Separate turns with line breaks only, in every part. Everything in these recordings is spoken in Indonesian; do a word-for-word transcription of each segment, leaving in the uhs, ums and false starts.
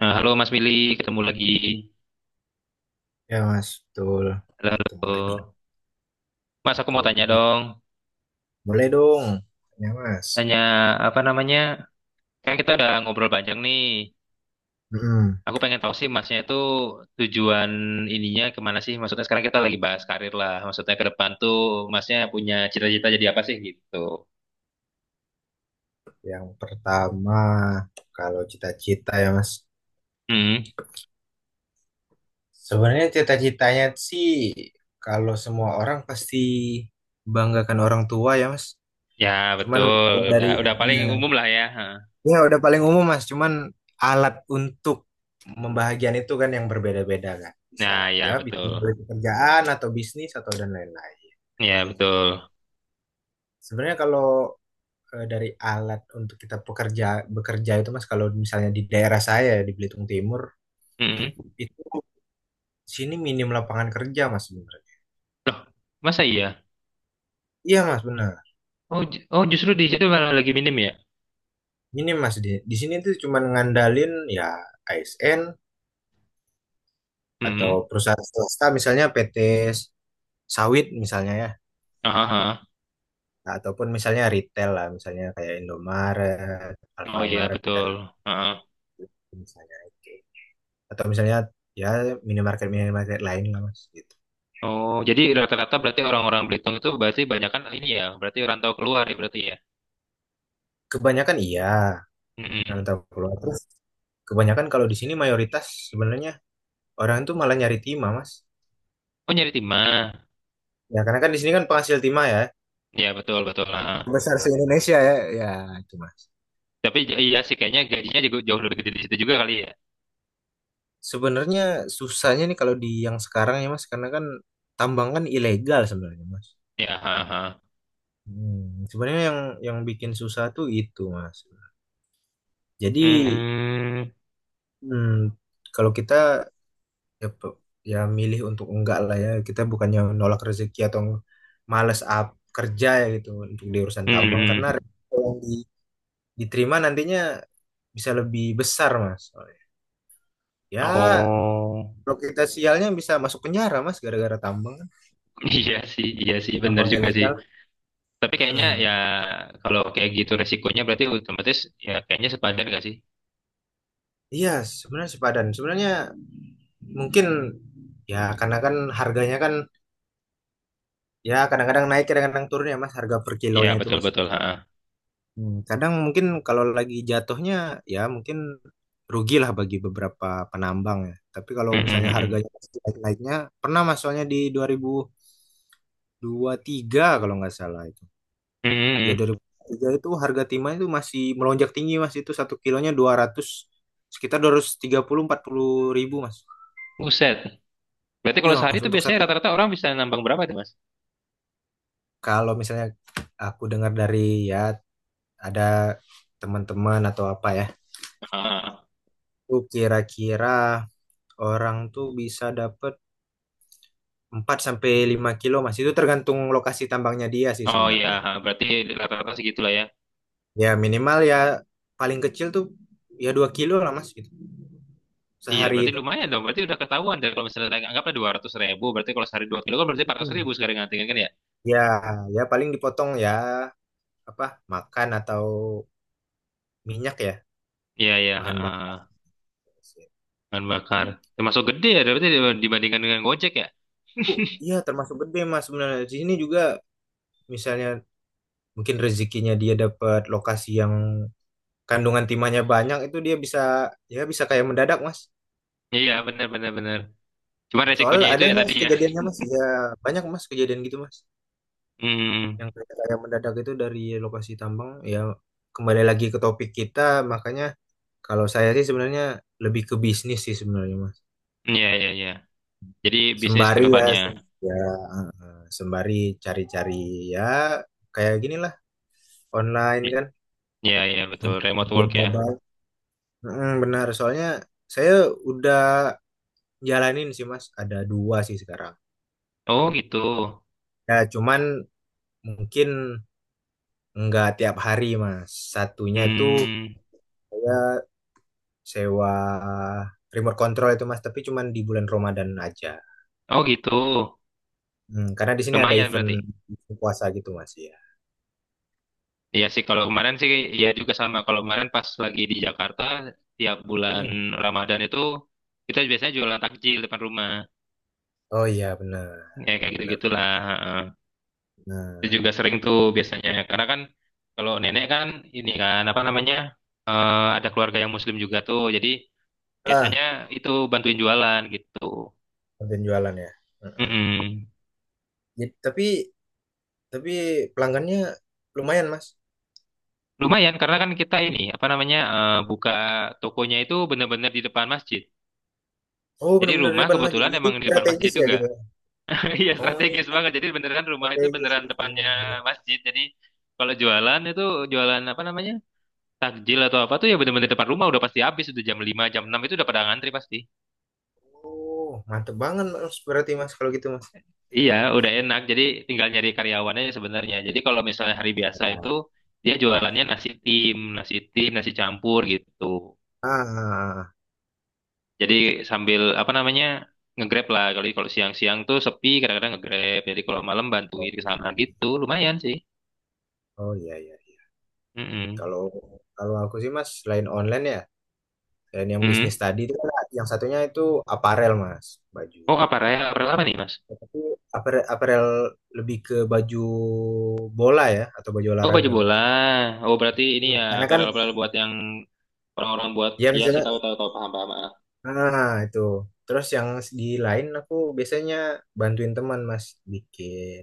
Nah, halo Mas Willy, ketemu lagi.
Ya mas, betul.
Halo,
Bertemu lagi.
halo. Mas, aku mau
Betul.
tanya dong.
Boleh dong, ya mas.
Tanya apa namanya? Kan kita udah ngobrol panjang nih.
Mm-mm.
Aku pengen tahu sih Masnya itu tujuan ininya kemana sih? Maksudnya sekarang kita lagi bahas karir lah. Maksudnya ke depan tuh Masnya punya cita-cita jadi apa sih gitu?
Yang pertama, kalau cita-cita ya mas.
Hmm,
Sebenarnya cita-citanya sih, kalau semua orang pasti banggakan orang tua ya mas.
ya
Cuman
betul.
kalau dari,
Udah, udah paling
ya,
umum lah ya. Hah.
ya udah paling umum mas. Cuman alat untuk membahagian itu kan yang berbeda-beda kan. Bisa
Nah,
ya,
ya
bisa
betul.
dari pekerjaan atau bisnis atau dan lain-lain.
Ya betul.
Sebenarnya kalau eh, dari alat untuk kita pekerja bekerja itu Mas, kalau misalnya di daerah saya di Belitung Timur
Hmm.
itu sini minim lapangan kerja Mas sebenarnya.
Loh, masa iya?
Iya Mas benar.
Oh, ju- oh justru di situ malah lagi minim ya?
Minim Mas, di, di sini itu cuma ngandalin ya A S N atau perusahaan swasta, misalnya P T sawit misalnya ya.
Hmm.
Nah, ataupun misalnya retail lah, misalnya kayak Indomaret,
Oh iya
Alfamart dan
betul. Heeh.
misalnya oke. Atau misalnya ya minimarket minimarket lain lah Mas gitu.
Oh, jadi rata-rata berarti orang-orang Belitung itu berarti banyak kan ini ya. Berarti rantau keluar ya berarti ya.
Kebanyakan iya, karena
Mm-mm.
tahu keluar. Terus kebanyakan kalau di sini mayoritas sebenarnya orang tuh malah nyari timah, Mas.
Oh, nyari timah.
Ya, karena kan di sini kan penghasil timah ya.
Ya betul betul. Heeh.
Besar se-Indonesia ya. Ya, itu Mas.
Tapi j- iya sih kayaknya gajinya juga jauh lebih gede di situ juga kali ya.
Sebenarnya susahnya nih kalau di yang sekarang ya, Mas, karena kan tambang kan ilegal sebenarnya, Mas.
Ya. Heeh.
Hmm, sebenarnya yang yang bikin susah tuh itu, Mas. Jadi,
Hmm.
hmm, kalau kita ya, pe- ya milih untuk enggak lah ya, kita bukannya nolak rezeki atau males up kerja ya gitu untuk di urusan tambang
Hmm.
karena resiko yang di diterima nantinya bisa lebih besar mas. Soalnya, ya
Oh
kalau kita sialnya bisa masuk penjara mas gara-gara tambang kan.
iya sih iya sih bener
Tambang
juga sih.
ilegal.
Tapi kayaknya
Hmm.
ya kalau kayak gitu resikonya berarti otomatis ya kayaknya sepadan gak sih?
Iya sebenarnya sepadan sebenarnya, mungkin ya, karena kan harganya kan ya kadang-kadang naik kadang-kadang turun ya mas, harga per
Ya
kilonya itu
betul
mas.
betul. Ha.
Hmm, kadang mungkin kalau lagi jatuhnya ya mungkin rugilah bagi beberapa penambang ya, tapi kalau
Hmm
misalnya
hmm.
harganya pasti naik-naiknya pernah mas, soalnya di dua ribu dua puluh tiga kalau nggak salah itu. Ya
Mm.
dua ribu tiga itu harga timah itu masih melonjak tinggi mas. Itu satu kilonya dua ratus, sekitar dua ratus tiga puluh empat puluh ribu mas.
Buset. Berarti
Iya
kalau sehari
mas,
itu
untuk
biasanya
satu.
rata-rata orang bisa nambang berapa tuh, Mas?
Kalau misalnya aku dengar dari ya ada teman-teman atau apa ya.
Ah,
Itu kira-kira orang tuh bisa dapat empat sampai lima kilo mas. Itu tergantung lokasi tambangnya dia sih
oh iya,
sebenarnya.
berarti rata-rata segitulah ya.
Ya minimal ya, paling kecil tuh ya dua kilo lah mas gitu.
Iya,
Sehari
berarti
itu.
lumayan dong. Berarti udah ketahuan dari kalau misalnya anggaplah dua ratus ribu, berarti kalau sehari dua kilo kan berarti empat ratus ribu
Hmm.
sekarang ngantengin kan ya?
Ya, ya paling dipotong ya apa makan atau minyak ya,
Iya iya,
bahan bakar
ah,
mesin.
bahan bakar. Termasuk gede ya, berarti dibandingkan dengan Gojek ya?
Oh, iya termasuk gede mas sebenarnya, di sini juga misalnya mungkin rezekinya dia dapat lokasi yang kandungan timahnya banyak, itu dia bisa ya bisa kayak mendadak mas.
Iya, benar benar benar. Cuma
Soal
resikonya itu
ada
ya tadi
mas
ya.
kejadiannya mas ya, banyak mas kejadian gitu mas
Hmm,
yang kayak kayak mendadak itu dari lokasi tambang ya. Kembali lagi ke topik kita, makanya kalau saya sih sebenarnya lebih ke bisnis sih sebenarnya mas.
iya iya iya. Jadi bisnis ke
Sembari ya,
depannya.
sem- ya sembari cari-cari ya, kayak ginilah, online
I-
kan,
Iya iya betul, remote
belum
work ya.
mobile. Mm, benar, soalnya saya udah jalanin sih mas, ada dua sih sekarang
Oh gitu.
ya, cuman mungkin nggak tiap hari mas satunya itu,
Hmm,
saya sewa remote control itu mas, tapi cuman di bulan Ramadan aja.
oh gitu.
Mm, karena di sini ada
Lumayan
event
berarti.
event puasa gitu mas ya.
Iya sih kalau kemarin sih ya juga sama. Kalau kemarin pas lagi di Jakarta tiap bulan
Mm.
Ramadan itu kita biasanya jualan takjil depan rumah.
Oh iya, benar
Ya kayak
benar benar,
gitu-gitulah. Heeh. Itu
nah,
juga sering tuh biasanya. Karena kan kalau nenek kan ini kan apa namanya? eh, ada keluarga yang muslim juga tuh. Jadi
ah,
biasanya itu bantuin jualan gitu.
konten jualan ya. Mm-mm.
Mm-mm.
Jadi- tapi tapi pelanggannya lumayan mas.
Lumayan karena kan kita ini apa namanya? eh, buka tokonya itu benar-benar di depan masjid.
Oh
Jadi
benar-benar di
rumah
depan mas.
kebetulan
Jadi
emang di depan masjid
strategis ya
juga.
gitu.
Iya
Oh
strategis banget. Jadi beneran rumah itu
strategis
beneran
gitu.
depannya masjid. Jadi kalau jualan itu jualan apa namanya? Takjil atau apa tuh ya bener-bener depan rumah udah pasti habis udah jam lima jam enam itu udah pada ngantri pasti.
Oh mantep banget mas, berarti mas kalau gitu mas.
Iya, udah enak. Jadi tinggal nyari karyawannya sebenarnya. Jadi kalau misalnya hari biasa itu
Ya.
dia jualannya nasi tim, nasi tim, nasi campur gitu.
Ah,
Jadi sambil apa namanya? Ngegrab lah kalau kalau siang-siang tuh sepi kadang-kadang ngegrab. Jadi kalau malam bantuin
oh,
ke sana gitu. Lumayan sih.
oh iya iya. Iya. Kalau kalau aku sih mas, selain online ya dan yang bisnis
Mm.
tadi itu kan, yang satunya itu aparel mas, baju.
Oh, apa Aparel apa nih, Mas?
Tapi apare- aparel, lebih ke baju bola ya atau baju
Oh, baju
olahraga
bola.
mas.
Oh, berarti ini
Hmm.
ya
Karena kan
aparel-aparel buat yang orang-orang buat
ya
ya sih
misalnya.
tahu-tahu tahu tahu, tahu, paham paham. Ah.
Nah, itu. Terus yang di lain aku biasanya bantuin teman Mas bikin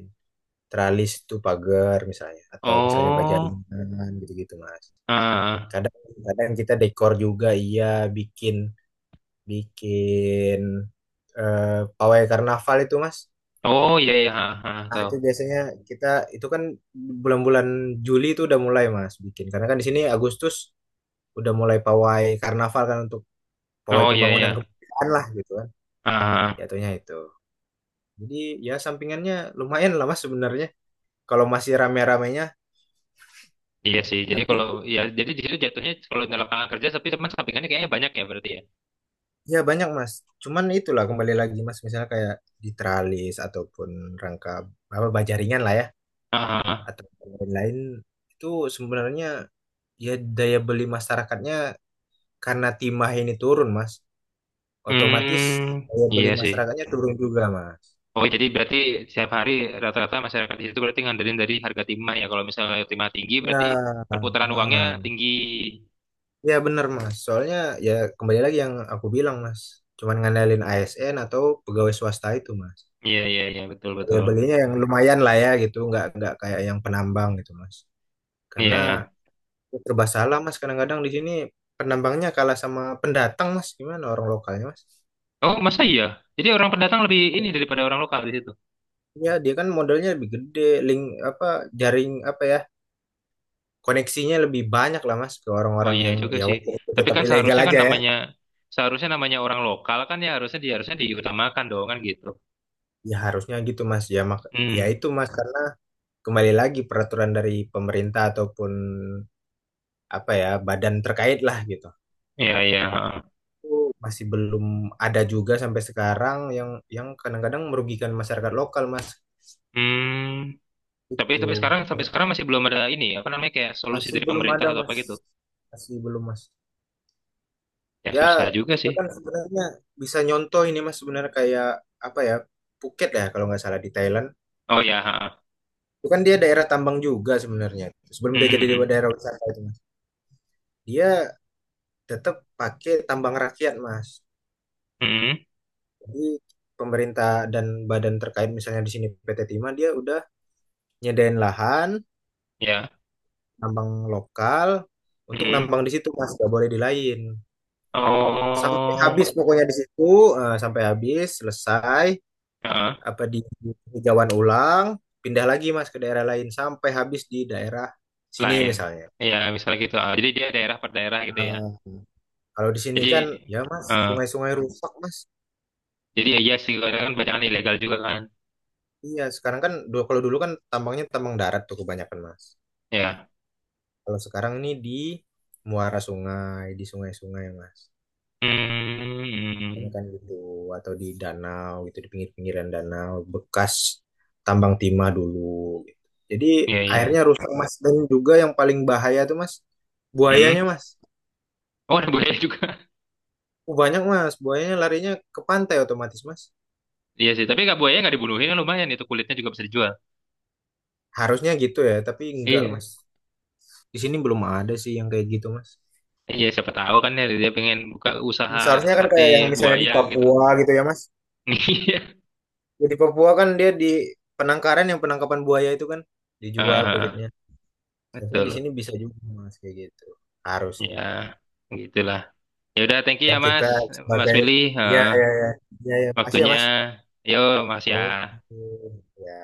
tralis tuh pagar misalnya, atau misalnya baja
Oh,
ringan gitu-gitu Mas.
ah, ah.
Kadang kadang kita dekor juga, iya, bikin bikin eh, pawai karnaval itu Mas.
Oh iya iya, ah, ah, ah.
Nah,
Tahu.
itu biasanya kita itu kan bulan-bulan Juli itu udah mulai Mas bikin, karena kan di sini Agustus udah mulai pawai karnaval kan, untuk pawai
Oh iya
pembangunan
iya,
kemerdekaan lah gitu kan.
ah, ah. Ah.
Jatuhnya itu. Jadi ya sampingannya lumayan lah mas sebenarnya. Kalau masih rame-ramenya,
Iya sih. Jadi
tapi
kalau ya, jadi di situ jatuhnya kalau di lapangan kerja, tapi teman sampingannya kayaknya banyak ya berarti ya.
ya banyak mas. Cuman itulah kembali lagi mas, misalnya kayak di tralis ataupun rangka apa baja ringan lah ya,
Ah, ah, ah.
atau lain-lain itu sebenarnya ya daya beli masyarakatnya, karena timah ini turun mas, otomatis
Hmm,
daya beli
iya sih.
masyarakatnya turun juga mas.
Oh, jadi berarti setiap hari rata-rata masyarakat di situ berarti ngandelin dari harga timah ya. Kalau misalnya timah tinggi, berarti
Ya,
perputaran uangnya
ah.
tinggi.
Ya benar mas. Soalnya ya, kembali lagi yang aku bilang mas, cuman ngandalin A S N atau pegawai swasta itu mas.
Iya, iya, iya, betul,
Ya
betul.
belinya yang lumayan lah ya gitu, nggak nggak kayak yang penambang gitu Mas.
Iya.
Karena
Iya.
ya serba salah Mas, kadang-kadang di sini penambangnya kalah sama pendatang Mas, gimana orang lokalnya Mas?
Oh, masa iya? Jadi orang pendatang lebih ini daripada orang lokal di situ.
Ya dia kan modalnya lebih gede, link apa jaring apa ya, koneksinya lebih banyak lah Mas, ke
Oh
orang-orang
iya
yang
juga
ya
sih.
waktu
Tapi
tetap
kan
ilegal
seharusnya kan
aja ya.
namanya seharusnya namanya orang lokal kan ya harusnya dia harusnya diutamakan dong kan gitu.
Ya harusnya gitu Mas ya, mak ya
Hmm.
itu Mas kan kembali lagi peraturan dari pemerintah ataupun apa ya badan terkait lah gitu.
Iya, iya. Heeh.
Masih belum ada juga sampai sekarang yang yang kadang-kadang merugikan masyarakat lokal mas
Hmm. Tapi tapi
itu.
sekarang sampai sekarang masih belum ada ini apa namanya kayak solusi
Masih
dari
belum
pemerintah
ada
atau apa
mas,
gitu.
masih belum mas.
Ya
Ya
susah juga
kita
sih.
kan sebenarnya bisa nyontoh ini mas sebenarnya, kayak apa ya, Phuket ya kalau nggak salah di Thailand.
Oh ya. Heeh.
Itu kan dia daerah tambang juga sebenarnya, sebelum dia
Hmm.
jadi
Hmm.
daerah wisata itu mas, dia tetap pakai tambang rakyat mas.
Hmm. Hmm.
Jadi pemerintah dan badan terkait, misalnya di sini P T Timah, dia udah nyediain lahan
Ya.
nambang lokal untuk
Hmm.
nambang di situ Mas, nggak boleh di lain. Sampai
Oh.
habis pokoknya di situ, eh, sampai habis selesai
Heeh.
apa di di ulang, pindah lagi Mas ke daerah lain sampai habis di daerah sini
Lain.
misalnya.
Iya, misalnya gitu. Ah, jadi dia daerah per daerah gitu ya.
Eh, kalau di sini
Jadi,
kan ya Mas,
eh,
sungai-sungai rusak Mas.
jadi ya iya sih karena kan bacaan ilegal juga kan.
Iya, sekarang kan dulu kalau dulu kan tambangnya tambang darat tuh kebanyakan Mas.
Ya.
Kalau sekarang ini di muara sungai, di sungai-sungai Mas. Kayaknya
Hmm,
kan gitu, atau di danau gitu, di pinggir-pinggiran danau bekas tambang timah dulu gitu. Jadi
iya iya.
akhirnya rusak mas, dan juga yang paling bahaya tuh mas, buayanya
Hmm.
mas.
Oh, ada buaya juga.
Oh, banyak mas buayanya, larinya ke pantai otomatis mas.
Iya sih, tapi nggak buaya nggak dibunuhin kan lumayan itu kulitnya juga bisa dijual.
Harusnya gitu ya, tapi enggak lah
Iya.
mas, di sini belum ada sih yang kayak gitu mas.
Iya, siapa tahu kan ya dia pengen buka usaha
Seharusnya kan
sate
kayak yang misalnya di
buaya gitu.
Papua gitu ya mas.
Iya.
Ya, di Papua kan dia di penangkaran yang penangkapan buaya itu kan dijual
Ah,
kulitnya, seharusnya di
betul.
sini bisa juga mas kayak gitu,
Ya,
harusnya.
gitulah. Ya udah, thank you
Kan
ya
kita
Mas, Mas
sebagai,
Willy.
ya
Ah,
ya ya ya, ya. Ya, makasih ya
waktunya.
Mas.
Yo, Mas ya.
Oke. Ya.